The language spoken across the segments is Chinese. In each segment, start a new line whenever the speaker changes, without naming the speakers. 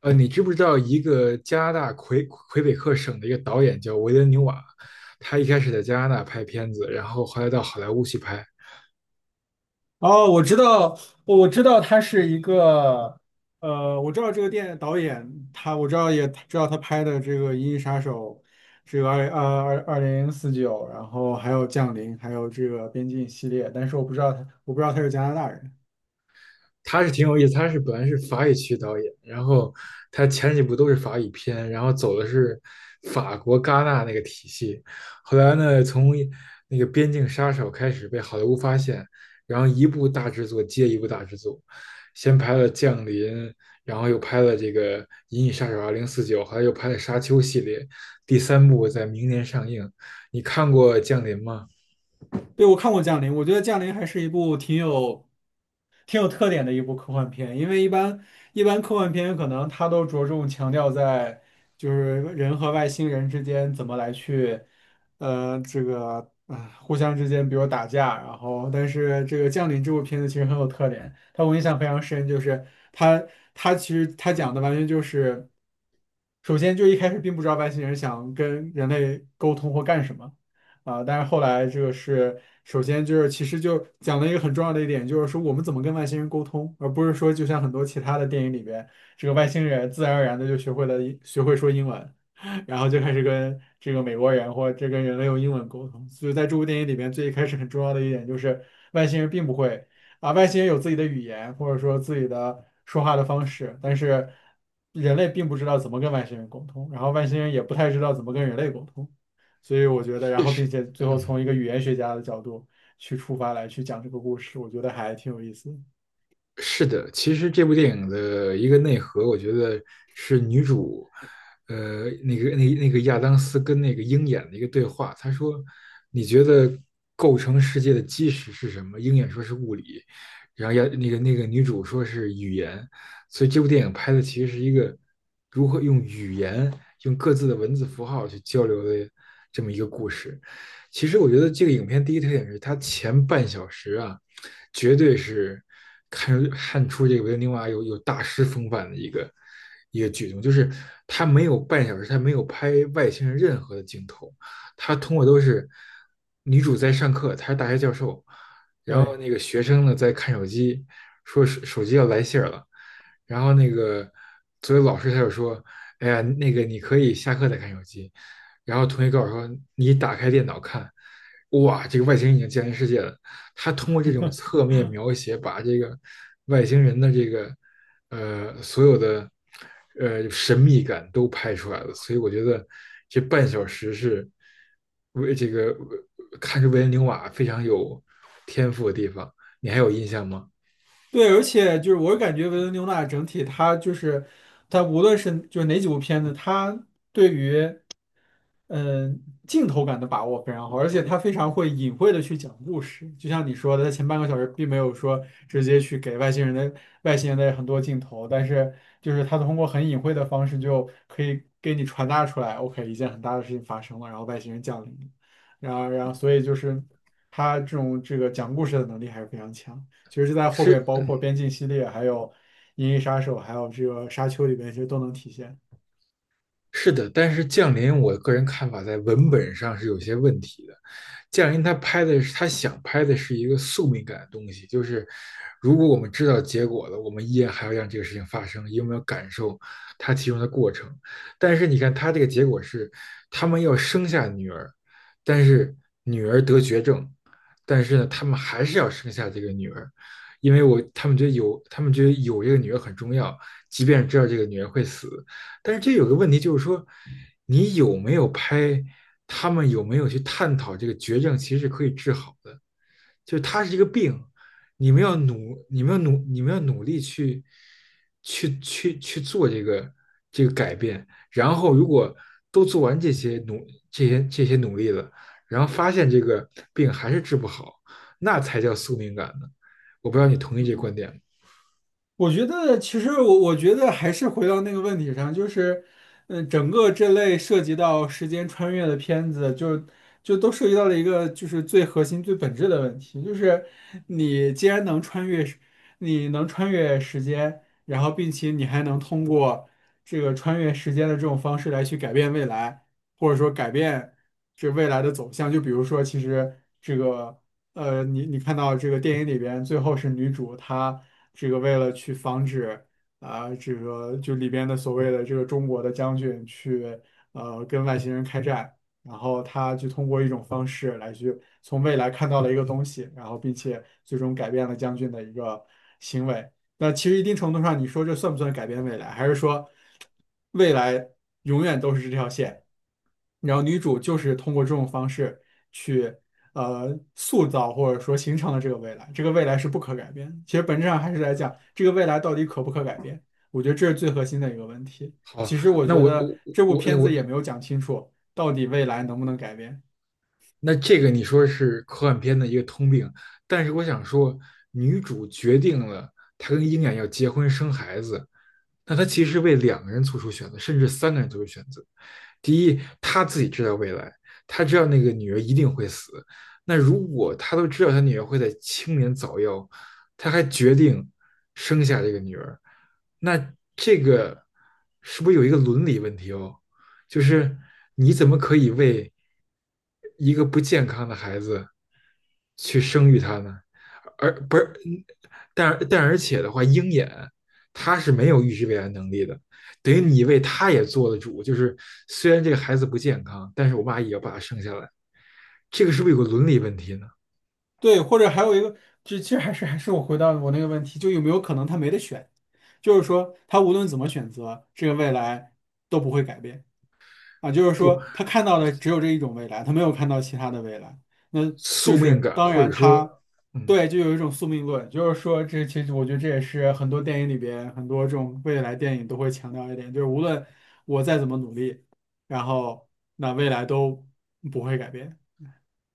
你知不知道一个加拿大魁北克省的一个导演叫维伦纽瓦，他一开始在加拿大拍片子，然后后来到好莱坞去拍，
哦，我知道，我知道他是一个，我知道这个电导演，他我知道也知道他拍的这个《银翼杀手》，这个二零四九，然后还有《降临》，还有这个《边境》系列，但是我不知道他，我不知道他是加拿大人。
他是挺有意思，他本来是法语区导演，然后他前几部都是法语片，然后走的是法国戛纳那个体系，后来呢，从那个《边境杀手》开始被好莱坞发现，然后一部大制作接一部大制作，先拍了《降临》，然后又拍了这个《银翼杀手二零四九》，后来又拍了《沙丘》系列，第三部在明年上映。你看过《降临》吗？
对，我看过《降临》，我觉得《降临》还是一部挺有特点的一部科幻片，因为一般科幻片可能它都着重强调在就是人和外星人之间怎么来去，这个啊、互相之间比如打架，然后但是这个《降临》这部片子其实很有特点，它我印象非常深，就是它它其实它讲的完全就是，首先就一开始并不知道外星人想跟人类沟通或干什么。啊，但是后来这个是首先就是其实就讲了一个很重要的一点，就是说我们怎么跟外星人沟通，而不是说就像很多其他的电影里边，这个外星人自然而然的就学会说英文，然后就开始跟这个美国人或者这跟人类用英文沟通。所以在这部电影里边，最一开始很重要的一点就是外星人并不会啊，外星人有自己的语言或者说自己的说话的方式，但是人类并不知道怎么跟外星人沟通，然后外星人也不太知道怎么跟人类沟通。所以我觉得，然
是
后
实，
并且最后
嗯。
从一个语言学家的角度去出发来去讲这个故事，我觉得还挺有意思的。
是的，其实这部电影的一个内核，我觉得是女主，那个亚当斯跟那个鹰眼的一个对话。他说："你觉得构成世界的基石是什么？"鹰眼说是物理，然后亚那个那个女主说是语言。所以这部电影拍的其实是一个如何用语言、用各自的文字符号去交流的这么一个故事。其实我觉得这个影片第一特点是它前半小时啊。绝对是看出这个维伦纽瓦有大师风范的一个举动，就是他没有半小时，他没有拍外星人任何的镜头，他通过都是女主在上课，她是大学教授，然后
对
那个学生呢在看手机，说手机要来信儿了，然后那个作为老师他就说，哎呀，那个你可以下课再看手机，然后同学告诉我说，你打开电脑看，哇，这个外星人已经降临世界了。他通过这种侧面描写，把这个外星人的这个所有的神秘感都拍出来了。所以我觉得这半小时是为这个看出维恩纽瓦非常有天赋的地方。你还有印象吗？
对，而且就是我感觉维伦纽娜整体他就是他无论是就是哪几部片子，他对于镜头感的把握非常好，而且他非常会隐晦的去讲故事，就像你说的，他前半个小时并没有说直接去给外星人的很多镜头，但是就是他通过很隐晦的方式就可以给你传达出来，OK，一件很大的事情发生了，然后外星人降临了然后所以就是他这种这个讲故事的能力还是非常强，其实就在后边包
是
括边境系列，还有银翼杀手，还有这个沙丘里边其实都能体现。
是的，但是《降临》我个人看法在文本上是有些问题的。《降临》他想拍的是一个宿命感的东西，就是如果我们知道结果了，我们依然还要让这个事情发生，因为我们要感受它其中的过程。但是你看，他这个结果是他们要生下女儿，但是女儿得绝症，但是呢，他们还是要生下这个女儿，因为我他们觉得有，他们觉得有这个女儿很重要，即便知道这个女儿会死。但是这有个问题，就是说，你有没有拍，他们有没有去探讨这个绝症其实是可以治好的，就是它是一个病，你们要努，你们要努，你们要努力去，去去去做这个改变。然后如果都做完这些努力了，然后发现这个病还是治不好，那才叫宿命感呢。我不知道你同意这个
嗯
观点吗？
我觉得其实我觉得还是回到那个问题上，就是，整个这类涉及到时间穿越的片子就都涉及到了一个就是最核心、最本质的问题，就是你既然能穿越时间，然后并且你还能通过这个穿越时间的这种方式来去改变未来，或者说改变这未来的走向。就比如说，其实这个。你看到这个电影里边，最后是女主她这个为了去防止啊、这个就里边的所谓的这个中国的将军去跟外星人开战，然后她就通过一种方式来去从未来看到了一个东西，然后并且最终改变了将军的一个行为。那其实一定程度上，你说这算不算改变未来？还是说未来永远都是这条线？然后女主就是通过这种方式。去。塑造或者说形成了这个未来，这个未来是不可改变的，其实本质上还是来讲这个未来到底可不可改变，我觉得这是最核心的一个问题。
好，
其实我
那
觉
我我
得这部
我
片子
我
也没有讲清楚到底未来能不能改变。
那这个你说是科幻片的一个通病，但是我想说，女主决定了她跟鹰眼要结婚生孩子，那她其实为两个人做出选择，甚至三个人做出选择。第一，她自己知道未来，她知道那个女儿一定会死。那如果她都知道她女儿会在青年早夭，她还决定生下这个女儿，那这个是不是有一个伦理问题哦？就是你怎么可以为一个不健康的孩子去生育他呢？而不是，而且的话，鹰眼他是没有预知未来能力的，等于你为他也做了主。就是虽然这个孩子不健康，但是我妈也要把他生下来，这个是不是有个伦理问题呢？
对，或者还有一个，就其实还是我回到我那个问题，就有没有可能他没得选，就是说他无论怎么选择，这个未来都不会改变。啊，就是
不，
说他看到的只有这一种未来，他没有看到其他的未来。那
宿
就
命
是
感
当
或者
然他，
说，嗯，
对，就有一种宿命论，就是说这其实我觉得这也是很多电影里边很多这种未来电影都会强调一点，就是无论我再怎么努力，然后那未来都不会改变。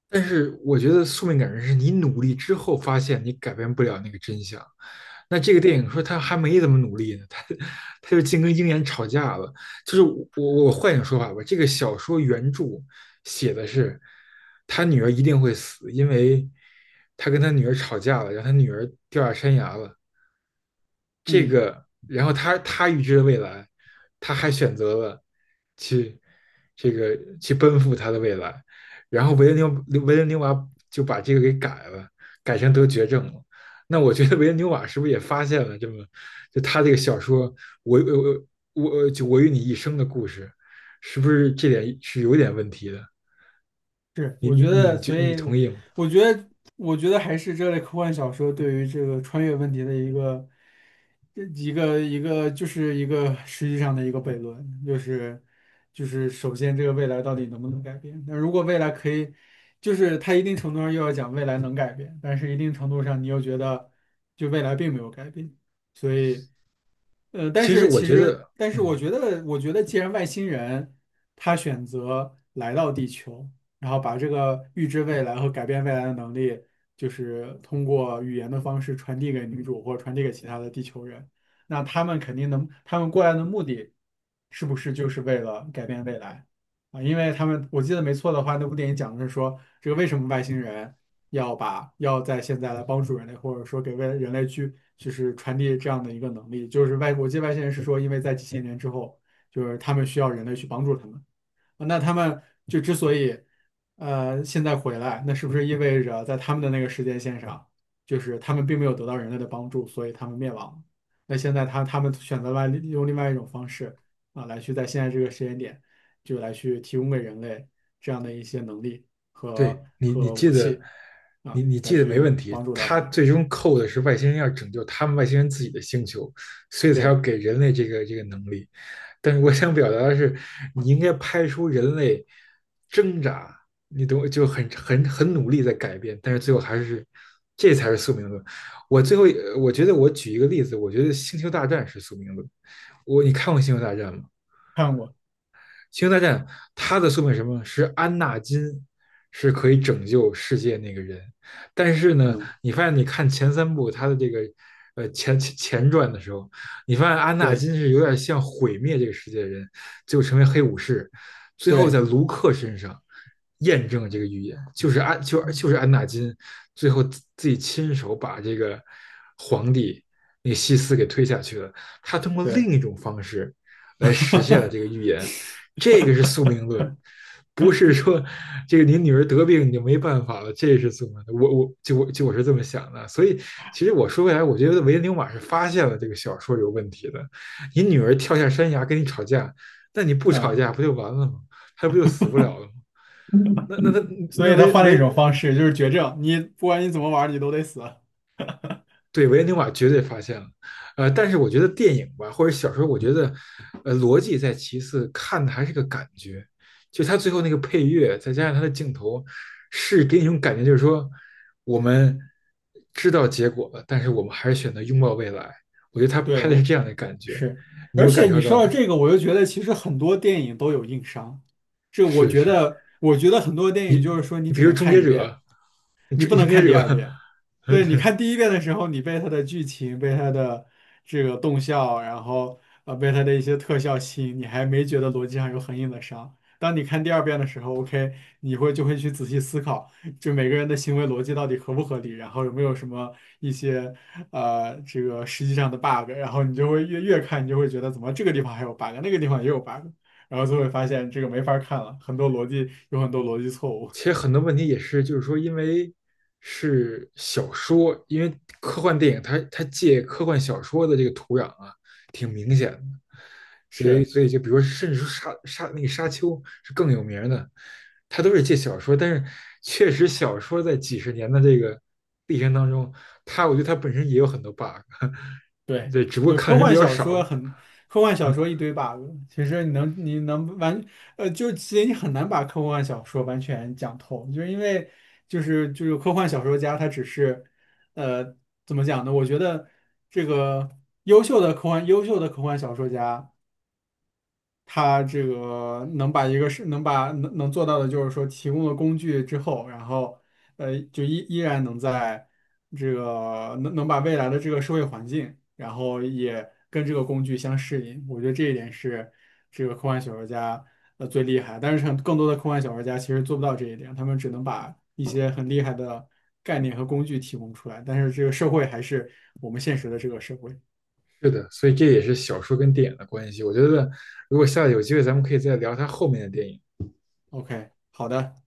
但是我觉得宿命感是你努力之后发现你改变不了那个真相。那这个电影说他还没怎么努力呢，他就净跟鹰眼吵架了。就是我换一种说法吧，这个小说原著写的是他女儿一定会死，因为他跟他女儿吵架了，让他女儿掉下山崖了。这
嗯。
个，然后他预知了未来，他还选择了去这个去奔赴他的未来。然后维伦纽瓦就把这个给改了，改成得绝症了。那我觉得维恩纽瓦是不是也发现了这么，就他这个小说《我我与你一生的故事》，是不是这点是有点问题的？
是，
你
我
你
觉
你
得，
你你同意吗？
我觉得，我觉得还是这类科幻小说对于这个穿越问题的一个，一个就是一个实际上的一个悖论，就是首先这个未来到底能不能改变？那如果未来可以，就是它一定程度上又要讲未来能改变，但是一定程度上你又觉得就未来并没有改变，所以。但
其实
是
我
其
觉
实，
得，
但是我
嗯，
觉得，既然外星人他选择来到地球，然后把这个预知未来和改变未来的能力，就是通过语言的方式传递给女主或者传递给其他的地球人。那他们肯定能，他们过来的目的是不是就是为了改变未来啊？因为他们，我记得没错的话，那部电影讲的是说，这个为什么外星人要在现在来帮助人类，或者说给为人类去就是传递这样的一个能力，就是外，我记得外星人是说，因为在几千年之后，就是他们需要人类去帮助他们。那他们就之所以现在回来，那是不是意味着在他们的那个时间线上，就是他们并没有得到人类的帮助，所以他们灭亡了。那现在他们选择了用另外一种方式啊，来去在现在这个时间点，就来去提供给人类这样的一些能力和
对，你
和
记
武
得，
器啊，
你
来
记得没
去
问题。
帮助到
他
他。
最终扣的是外星人要拯救他们外星人自己的星球，所以才要
对，
给人类这个能力。但是我想表达的是，你应该拍出人类挣扎，你懂我就很努力在改变，但是最后还是，这才是宿命论。我最后呃我觉得我举一个例子，我觉得《星球大战》是宿命论。你看过《星球大战》吗？
看过，
星球大战它的宿命是什么？是安纳金是可以拯救世界那个人，但是呢，
嗯，
你发现你看前三部他的这个前传的时候，你发现安纳
对
金是有点像毁灭这个世界的人，最后成为黑武士，最后在
对，
卢克身上验证了这个预言，就是安就
嗯，
就是安纳金最后自己亲手把这个皇帝那个西斯给推下去了，他通过
对，
另一种方式来实现了这个 预言。这个是宿命论，不是说这个你女儿得病你就没办法了，这是宿命论。我是这么想的，所以其实我说回来，我觉得维恩纽瓦是发现了这个小说有问题的。你女儿跳下山崖跟你吵架，那你不吵架
嗯。
不就完了吗？她不就死不了了吗？那那那
所
那
以他
维
换了一
维
种方式，就是绝症，你不管你怎么玩儿，你都得死。
对，维恩纽瓦绝对发现了，但是我觉得电影吧，或者小说，我觉得，逻辑在其次，看的还是个感觉，就他最后那个配乐，再加上他的镜头，是给你一种感觉，就是说我们知道结果了，但是我们还是选择拥抱未来。我觉得他拍
对，
的是
我
这样的感觉，
是，
你
而
有
且
感受
你说
到吗？
到这个，我就觉得其实很多电影都有硬伤，这我
是，
觉
是，
得，我觉得很多电
你
影就是说你
你比
只
如
能
《终
看
结
一遍。
者》，
你不能
《终结
看第
者》，
二遍。对，你
对，
看第一遍的时候，你被它的剧情、被它的这个动效，然后被它的一些特效吸引，你还没觉得逻辑上有很硬的伤。当你看第二遍的时候，OK，你就会去仔细思考，就每个人的行为逻辑到底合不合理，然后有没有什么一些这个实际上的 bug，然后你就会越看，你就会觉得怎么这个地方还有 bug，那个地方也有 bug，然后就会发现这个没法看了，很多逻辑有很多逻辑错误。
其实很多问题也是，就是说，因为是小说，因为科幻电影它借科幻小说的这个土壤啊，挺明显的，所以
是。
所以就比如说，甚至说那个沙丘是更有名的，它都是借小说，但是确实小说在几十年的这个历程当中，它我觉得它本身也有很多 bug，
对，
对，只不过
就
看的人比较少。
科幻 小
嗯，
说一堆 bug，其实你能你能完，就其实你很难把科幻小说完全讲透，就是因为就是科幻小说家他只是，呃，怎么讲呢？我觉得这个优秀的科幻小说家。他这个能把一个是能把能能做到的，就是说提供了工具之后，然后就依然能在这个能把未来的这个社会环境，然后也跟这个工具相适应。我觉得这一点是这个科幻小说家最厉害，但是更多的科幻小说家其实做不到这一点，他们只能把一些很厉害的概念和工具提供出来，但是这个社会还是我们现实的这个社会。
是的，所以这也是小说跟电影的关系。我觉得如果下次有机会，咱们可以再聊它后面的电影。
OK，好的。